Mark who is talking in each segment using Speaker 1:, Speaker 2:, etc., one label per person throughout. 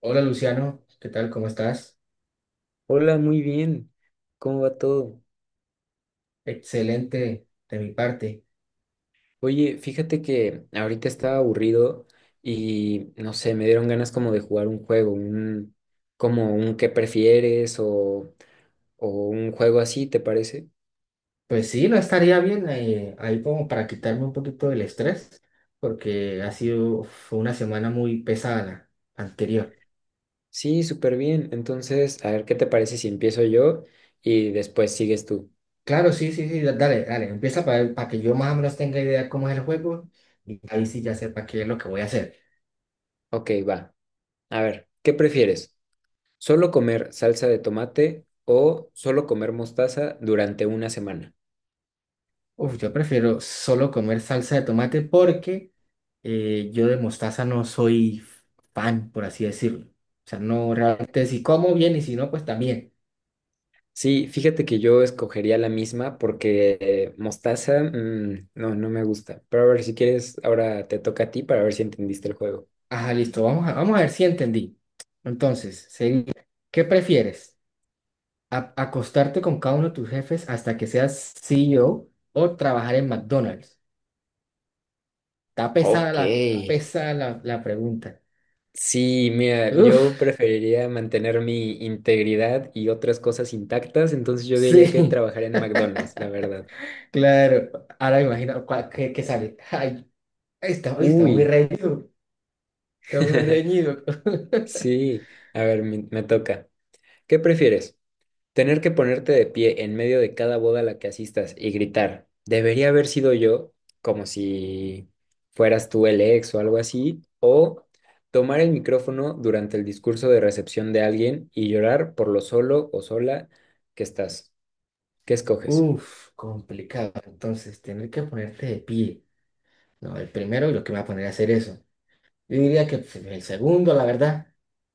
Speaker 1: Hola Luciano, ¿qué tal? ¿Cómo estás?
Speaker 2: Hola, muy bien. ¿Cómo va todo?
Speaker 1: Excelente de mi parte.
Speaker 2: Oye, fíjate que ahorita estaba aburrido y no sé, me dieron ganas como de jugar un juego, un como un qué prefieres o un juego así, ¿te parece?
Speaker 1: Pues sí, no estaría bien ahí como para quitarme un poquito del estrés, porque ha sido fue una semana muy pesada la anterior.
Speaker 2: Sí, súper bien. Entonces, a ver, ¿qué te parece si empiezo yo y después sigues tú?
Speaker 1: Claro, sí, sí, sí, dale, dale, empieza para que yo más o menos tenga idea cómo es el juego y ahí sí ya sepa qué es lo que voy a hacer.
Speaker 2: Ok, va. A ver, ¿qué prefieres? ¿Solo comer salsa de tomate o solo comer mostaza durante una semana?
Speaker 1: Uf, yo prefiero solo comer salsa de tomate porque yo de mostaza no soy fan, por así decirlo. O sea, no realmente si como bien y si no, pues también.
Speaker 2: Sí, fíjate que yo escogería la misma porque mostaza, no, no me gusta. Pero a ver, si quieres, ahora te toca a ti para ver si entendiste el juego.
Speaker 1: Ajá, listo. Vamos a ver si entendí. Entonces, sería, ¿qué prefieres? ¿Acostarte con cada uno de tus jefes hasta que seas CEO o trabajar en McDonald's? Está pesada
Speaker 2: Ok.
Speaker 1: la, está pesada la, la pregunta.
Speaker 2: Sí, mira,
Speaker 1: Uf,
Speaker 2: yo preferiría mantener mi integridad y otras cosas intactas, entonces yo diría que
Speaker 1: sí,
Speaker 2: trabajar en McDonald's, la verdad.
Speaker 1: claro. Ahora me imagino qué sale. Ay, está muy
Speaker 2: Uy,
Speaker 1: reñido. Está muy reñido.
Speaker 2: sí, a ver, me toca. ¿Qué prefieres? ¿Tener que ponerte de pie en medio de cada boda a la que asistas y gritar, debería haber sido yo, como si fueras tú el ex o algo así? ¿O tomar el micrófono durante el discurso de recepción de alguien y llorar por lo solo o sola que estás? ¿Qué escoges?
Speaker 1: Uf, complicado. Entonces, tener que ponerte de pie. No, el primero lo que me va a poner a hacer eso. Yo diría que pues, el segundo, la verdad.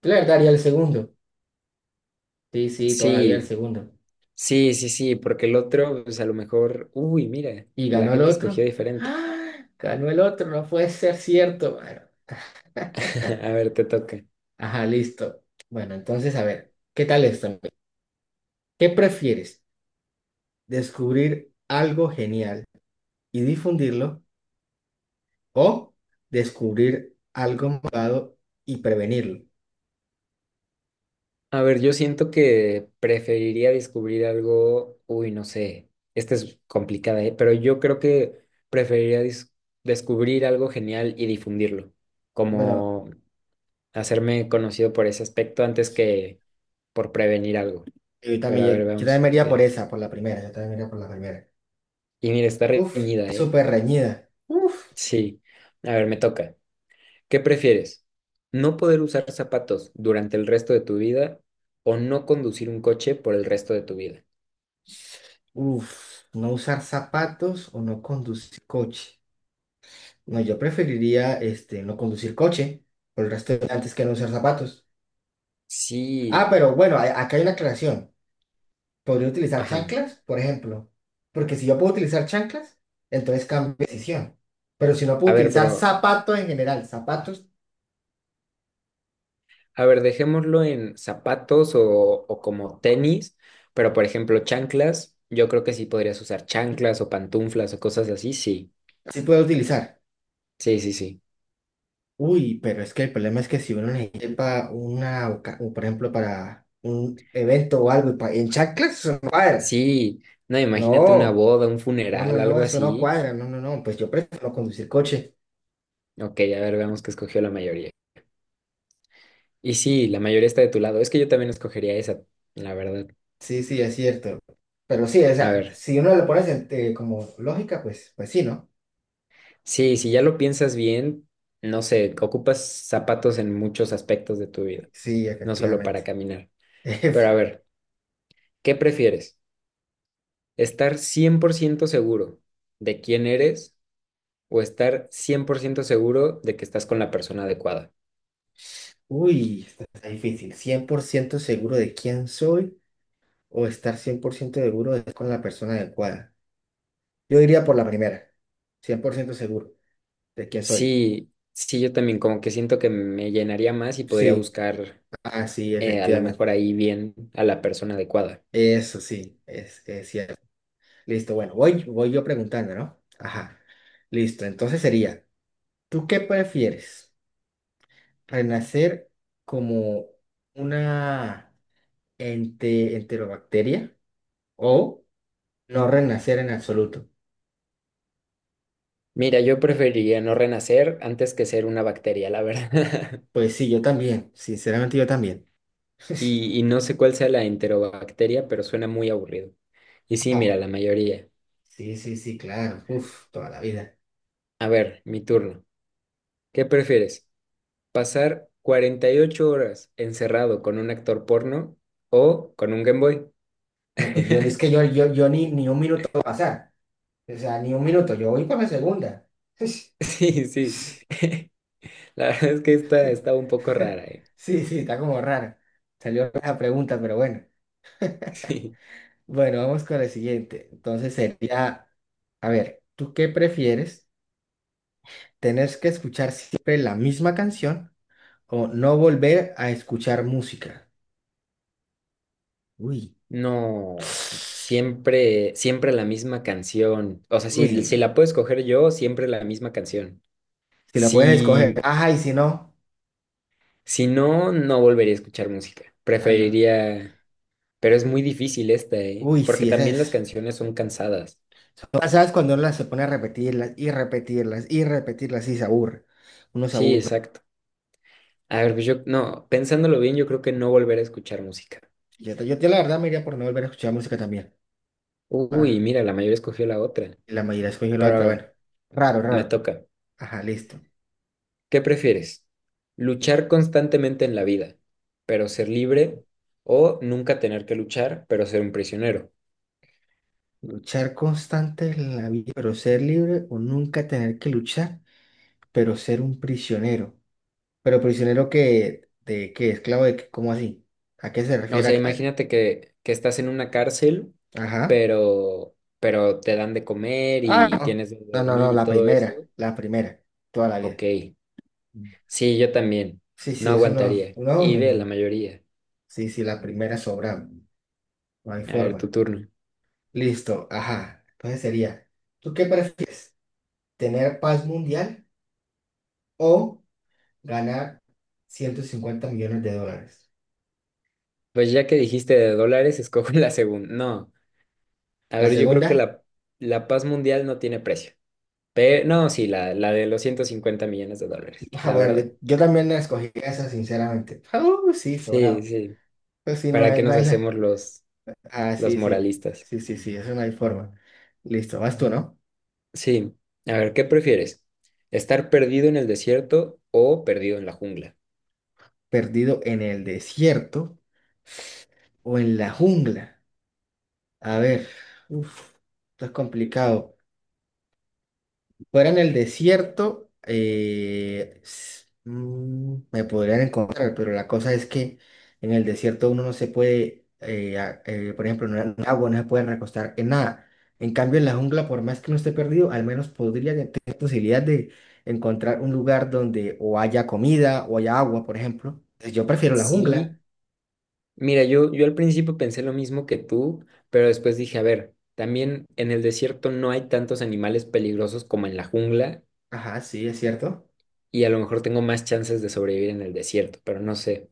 Speaker 1: Yo la verdad haría el segundo. Sí, sí, todavía el
Speaker 2: Sí,
Speaker 1: segundo.
Speaker 2: sí, sí, sí, porque el otro, pues a lo mejor, uy, mira,
Speaker 1: Y
Speaker 2: la
Speaker 1: ganó el
Speaker 2: gente escogió
Speaker 1: otro.
Speaker 2: diferente.
Speaker 1: ¡Ah! Ganó el otro, no puede ser cierto, mano.
Speaker 2: A ver, te toca.
Speaker 1: Ajá, listo. Bueno, entonces, a ver, ¿qué tal esto, amigo? ¿Qué prefieres? ¿Descubrir algo genial y difundirlo o descubrir algo malvado y prevenirlo?
Speaker 2: A ver, yo siento que preferiría descubrir algo, uy, no sé, esta es complicada, ¿eh? Pero yo creo que preferiría descubrir algo genial y difundirlo,
Speaker 1: Bueno,
Speaker 2: como hacerme conocido por ese aspecto antes que por prevenir algo.
Speaker 1: yo también,
Speaker 2: Pero a ver,
Speaker 1: yo también
Speaker 2: veamos
Speaker 1: me iría por
Speaker 2: qué.
Speaker 1: esa, por la primera, yo también me iría por la primera.
Speaker 2: Y mira, está
Speaker 1: Uf,
Speaker 2: reñida, ¿eh?
Speaker 1: súper reñida. Uf.
Speaker 2: Sí, a ver, me toca. ¿Qué prefieres? ¿No poder usar zapatos durante el resto de tu vida o no conducir un coche por el resto de tu vida?
Speaker 1: Uf, no usar zapatos o no conducir coche. No, yo preferiría no conducir coche por el resto de antes que no usar zapatos. Ah,
Speaker 2: Sí,
Speaker 1: pero bueno, acá hay una aclaración. Podría utilizar
Speaker 2: ajá.
Speaker 1: chanclas, por ejemplo. Porque si yo puedo utilizar chanclas, entonces cambio de decisión. Pero si no puedo
Speaker 2: A ver,
Speaker 1: utilizar
Speaker 2: pero,
Speaker 1: zapatos en general, zapatos
Speaker 2: a ver, dejémoslo en zapatos o como tenis, pero por ejemplo, chanclas, yo creo que sí podrías usar chanclas o pantuflas o cosas así, sí,
Speaker 1: sí puedo utilizar.
Speaker 2: sí, sí, sí.
Speaker 1: Uy, pero es que el problema es que si uno necesita o por ejemplo, para un evento o algo y en chanclas, eso no cuadra.
Speaker 2: Sí, no, imagínate una
Speaker 1: No.
Speaker 2: boda, un
Speaker 1: No, no,
Speaker 2: funeral,
Speaker 1: no,
Speaker 2: algo
Speaker 1: eso no
Speaker 2: así.
Speaker 1: cuadra, no, no, no, pues yo prefiero conducir coche.
Speaker 2: Ok, a ver, veamos qué escogió la mayoría. Y sí, la mayoría está de tu lado. Es que yo también escogería esa, la verdad.
Speaker 1: Sí, sí, es cierto. Pero sí, o
Speaker 2: A
Speaker 1: sea,
Speaker 2: ver,
Speaker 1: si uno le pones como lógica, pues sí, ¿no?
Speaker 2: sí, si ya lo piensas bien, no sé, ocupas zapatos en muchos aspectos de tu vida,
Speaker 1: Sí,
Speaker 2: no solo para
Speaker 1: efectivamente.
Speaker 2: caminar. Pero a ver, ¿qué prefieres? ¿Estar 100% seguro de quién eres o estar 100% seguro de que estás con la persona adecuada?
Speaker 1: Uy, esto está difícil. ¿100% seguro de quién soy o estar 100% seguro de estar con la persona adecuada? Yo diría por la primera, 100% seguro de quién soy.
Speaker 2: Sí, sí, yo también como que siento que me llenaría más y podría
Speaker 1: Sí,
Speaker 2: buscar
Speaker 1: ah, sí,
Speaker 2: a lo
Speaker 1: efectivamente.
Speaker 2: mejor ahí bien a la persona adecuada.
Speaker 1: Eso sí, es cierto. Listo, bueno, voy yo preguntando, ¿no? Ajá. Listo, entonces sería, ¿tú qué prefieres? ¿Renacer como una enterobacteria o no renacer en absoluto?
Speaker 2: Mira, yo preferiría no renacer antes que ser una bacteria, la verdad.
Speaker 1: Pues sí, yo también, sinceramente yo también.
Speaker 2: Y no sé cuál sea la enterobacteria, pero suena muy aburrido. Y sí, mira,
Speaker 1: Ajá.
Speaker 2: la mayoría.
Speaker 1: Sí, sí, sí, claro. Uf, toda la vida.
Speaker 2: A ver, mi turno. ¿Qué prefieres? Pasar 48 horas encerrado con un actor porno o con un Game Boy.
Speaker 1: No, pues yo, es que yo ni un minuto va a pasar. O sea, ni un minuto, yo voy para la segunda.
Speaker 2: Sí, sí. La verdad es que esta está un poco rara, ¿eh?
Speaker 1: Sí, sí, está como raro. Salió la pregunta, pero bueno.
Speaker 2: Sí.
Speaker 1: Bueno, vamos con la siguiente. Entonces sería, a ver, ¿tú qué prefieres? ¿Tener que escuchar siempre la misma canción o no volver a escuchar música? Uy.
Speaker 2: No, siempre, siempre la misma canción. O sea,
Speaker 1: Uy,
Speaker 2: si,
Speaker 1: no.
Speaker 2: si la puedo escoger yo, siempre la misma canción.
Speaker 1: Si la puedes escoger.
Speaker 2: Si,
Speaker 1: Ajá, y si no.
Speaker 2: si no, no volvería a escuchar música.
Speaker 1: Ah, no.
Speaker 2: Preferiría, pero es muy difícil esta, ¿eh?
Speaker 1: Uy,
Speaker 2: Porque
Speaker 1: sí, esa
Speaker 2: también las
Speaker 1: es.
Speaker 2: canciones son cansadas.
Speaker 1: ¿Sabes cuando uno las se pone a repetirlas y repetirlas y repetirlas y se aburre? Uno se
Speaker 2: Sí,
Speaker 1: aburre.
Speaker 2: exacto. A ver, pues yo, no, pensándolo bien, yo creo que no volver a escuchar música.
Speaker 1: Yo, la verdad me iría por no volver a escuchar música también.
Speaker 2: Uy,
Speaker 1: Ajá.
Speaker 2: mira, la mayoría escogió la otra.
Speaker 1: La mayoría escogió la
Speaker 2: Pero a
Speaker 1: otra.
Speaker 2: ver,
Speaker 1: Bueno, raro,
Speaker 2: me
Speaker 1: raro.
Speaker 2: toca.
Speaker 1: Ajá, listo.
Speaker 2: ¿Qué prefieres? ¿Luchar constantemente en la vida, pero ser libre? ¿O nunca tener que luchar, pero ser un prisionero?
Speaker 1: Luchar constante en la vida, pero ser libre o nunca tener que luchar, pero ser un prisionero. Pero prisionero que, de qué, esclavo de qué, ¿cómo así? ¿A qué se
Speaker 2: O
Speaker 1: refiere?
Speaker 2: sea, imagínate que estás en una cárcel,
Speaker 1: Ajá.
Speaker 2: pero, pero te dan de comer
Speaker 1: Ah,
Speaker 2: y
Speaker 1: no.
Speaker 2: tienes de
Speaker 1: No, no,
Speaker 2: dormir
Speaker 1: no,
Speaker 2: y todo eso.
Speaker 1: la primera, toda la vida.
Speaker 2: Ok, sí, yo también.
Speaker 1: Sí,
Speaker 2: No
Speaker 1: sí, eso no,
Speaker 2: aguantaría.
Speaker 1: no,
Speaker 2: Y
Speaker 1: no,
Speaker 2: ve la
Speaker 1: no.
Speaker 2: mayoría.
Speaker 1: Sí, sí, la primera sobra, no hay
Speaker 2: A ver,
Speaker 1: forma.
Speaker 2: tu turno.
Speaker 1: Listo, ajá. Entonces sería, ¿tú qué prefieres? ¿Tener paz mundial o ganar $150 millones?
Speaker 2: Pues ya que dijiste de dólares, escojo la segunda. No, a
Speaker 1: La
Speaker 2: ver, yo creo que
Speaker 1: segunda,
Speaker 2: la paz mundial no tiene precio. Pero, no, sí, la de los $150 millones,
Speaker 1: ah,
Speaker 2: la
Speaker 1: bueno,
Speaker 2: verdad.
Speaker 1: yo también la escogí esa, sinceramente. Ah, sí,
Speaker 2: Sí,
Speaker 1: sobrado.
Speaker 2: sí.
Speaker 1: Pues sí, no
Speaker 2: ¿Para qué
Speaker 1: hay, no
Speaker 2: nos
Speaker 1: hay la.
Speaker 2: hacemos los,
Speaker 1: Ah,
Speaker 2: los
Speaker 1: sí, sí,
Speaker 2: moralistas?
Speaker 1: sí, sí, sí, eso no hay forma. Listo, vas tú, ¿no?
Speaker 2: Sí. A ver, ¿qué prefieres? ¿Estar perdido en el desierto o perdido en la jungla?
Speaker 1: Perdido en el desierto o en la jungla. A ver, uf, esto es complicado. Fuera en el desierto, me podrían encontrar, pero la cosa es que en el desierto uno no se puede, por ejemplo, no, en el agua no se puede recostar en nada. En cambio, en la jungla, por más que uno esté perdido, al menos podría tener posibilidad de encontrar un lugar donde o haya comida o haya agua, por ejemplo. Entonces, yo prefiero la jungla.
Speaker 2: Sí. Mira, yo al principio pensé lo mismo que tú, pero después dije, a ver, también en el desierto no hay tantos animales peligrosos como en la jungla
Speaker 1: Ajá, sí, es cierto.
Speaker 2: y a lo mejor tengo más chances de sobrevivir en el desierto, pero no sé.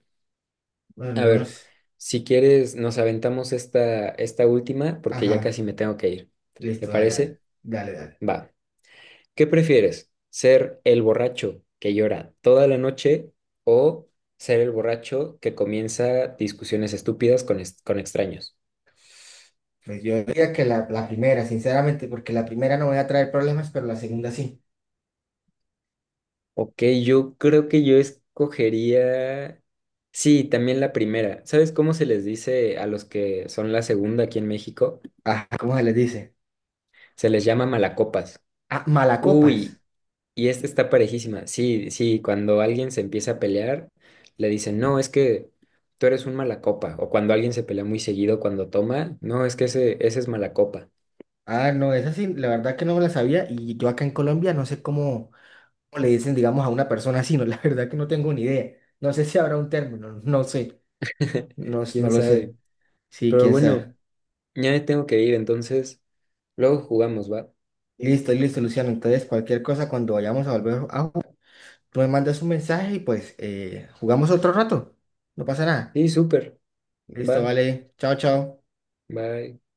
Speaker 2: A
Speaker 1: Bueno, no
Speaker 2: ver,
Speaker 1: es-
Speaker 2: si quieres, nos aventamos esta, última porque ya
Speaker 1: Ajá,
Speaker 2: casi me tengo que ir. ¿Te
Speaker 1: listo, dale,
Speaker 2: parece?
Speaker 1: dale, dale, dale.
Speaker 2: Va. ¿Qué prefieres? ¿Ser el borracho que llora toda la noche o ser el borracho que comienza discusiones estúpidas con extraños?
Speaker 1: Pues yo diría que la primera, sinceramente, porque la primera no voy a traer problemas, pero la segunda sí.
Speaker 2: Ok, yo creo que yo escogería... Sí, también la primera. ¿Sabes cómo se les dice a los que son la segunda aquí en México?
Speaker 1: Ajá, ¿cómo se les dice?
Speaker 2: Se les llama malacopas.
Speaker 1: Ah, malacopas.
Speaker 2: Uy, y esta está parejísima. Sí, sí, cuando alguien se empieza a pelear, le dicen, no, es que tú eres un malacopa. O cuando alguien se pelea muy seguido cuando toma, no, es que ese es malacopa.
Speaker 1: Ah, no, esa sí, la verdad que no me la sabía y yo acá en Colombia no sé cómo le dicen, digamos, a una persona así, no, la verdad que no tengo ni idea. No sé si habrá un término, no sé, no, no
Speaker 2: ¿Quién
Speaker 1: lo sé.
Speaker 2: sabe?
Speaker 1: Sí,
Speaker 2: Pero
Speaker 1: quién sabe.
Speaker 2: bueno, ya me tengo que ir, entonces luego jugamos, ¿va?
Speaker 1: Listo, listo, Luciano. Entonces, cualquier cosa, cuando vayamos a volver a jugar, tú me mandas un mensaje y pues jugamos otro rato. No pasa nada.
Speaker 2: Sí, súper,
Speaker 1: Listo,
Speaker 2: va,
Speaker 1: vale. Chao, chao.
Speaker 2: va.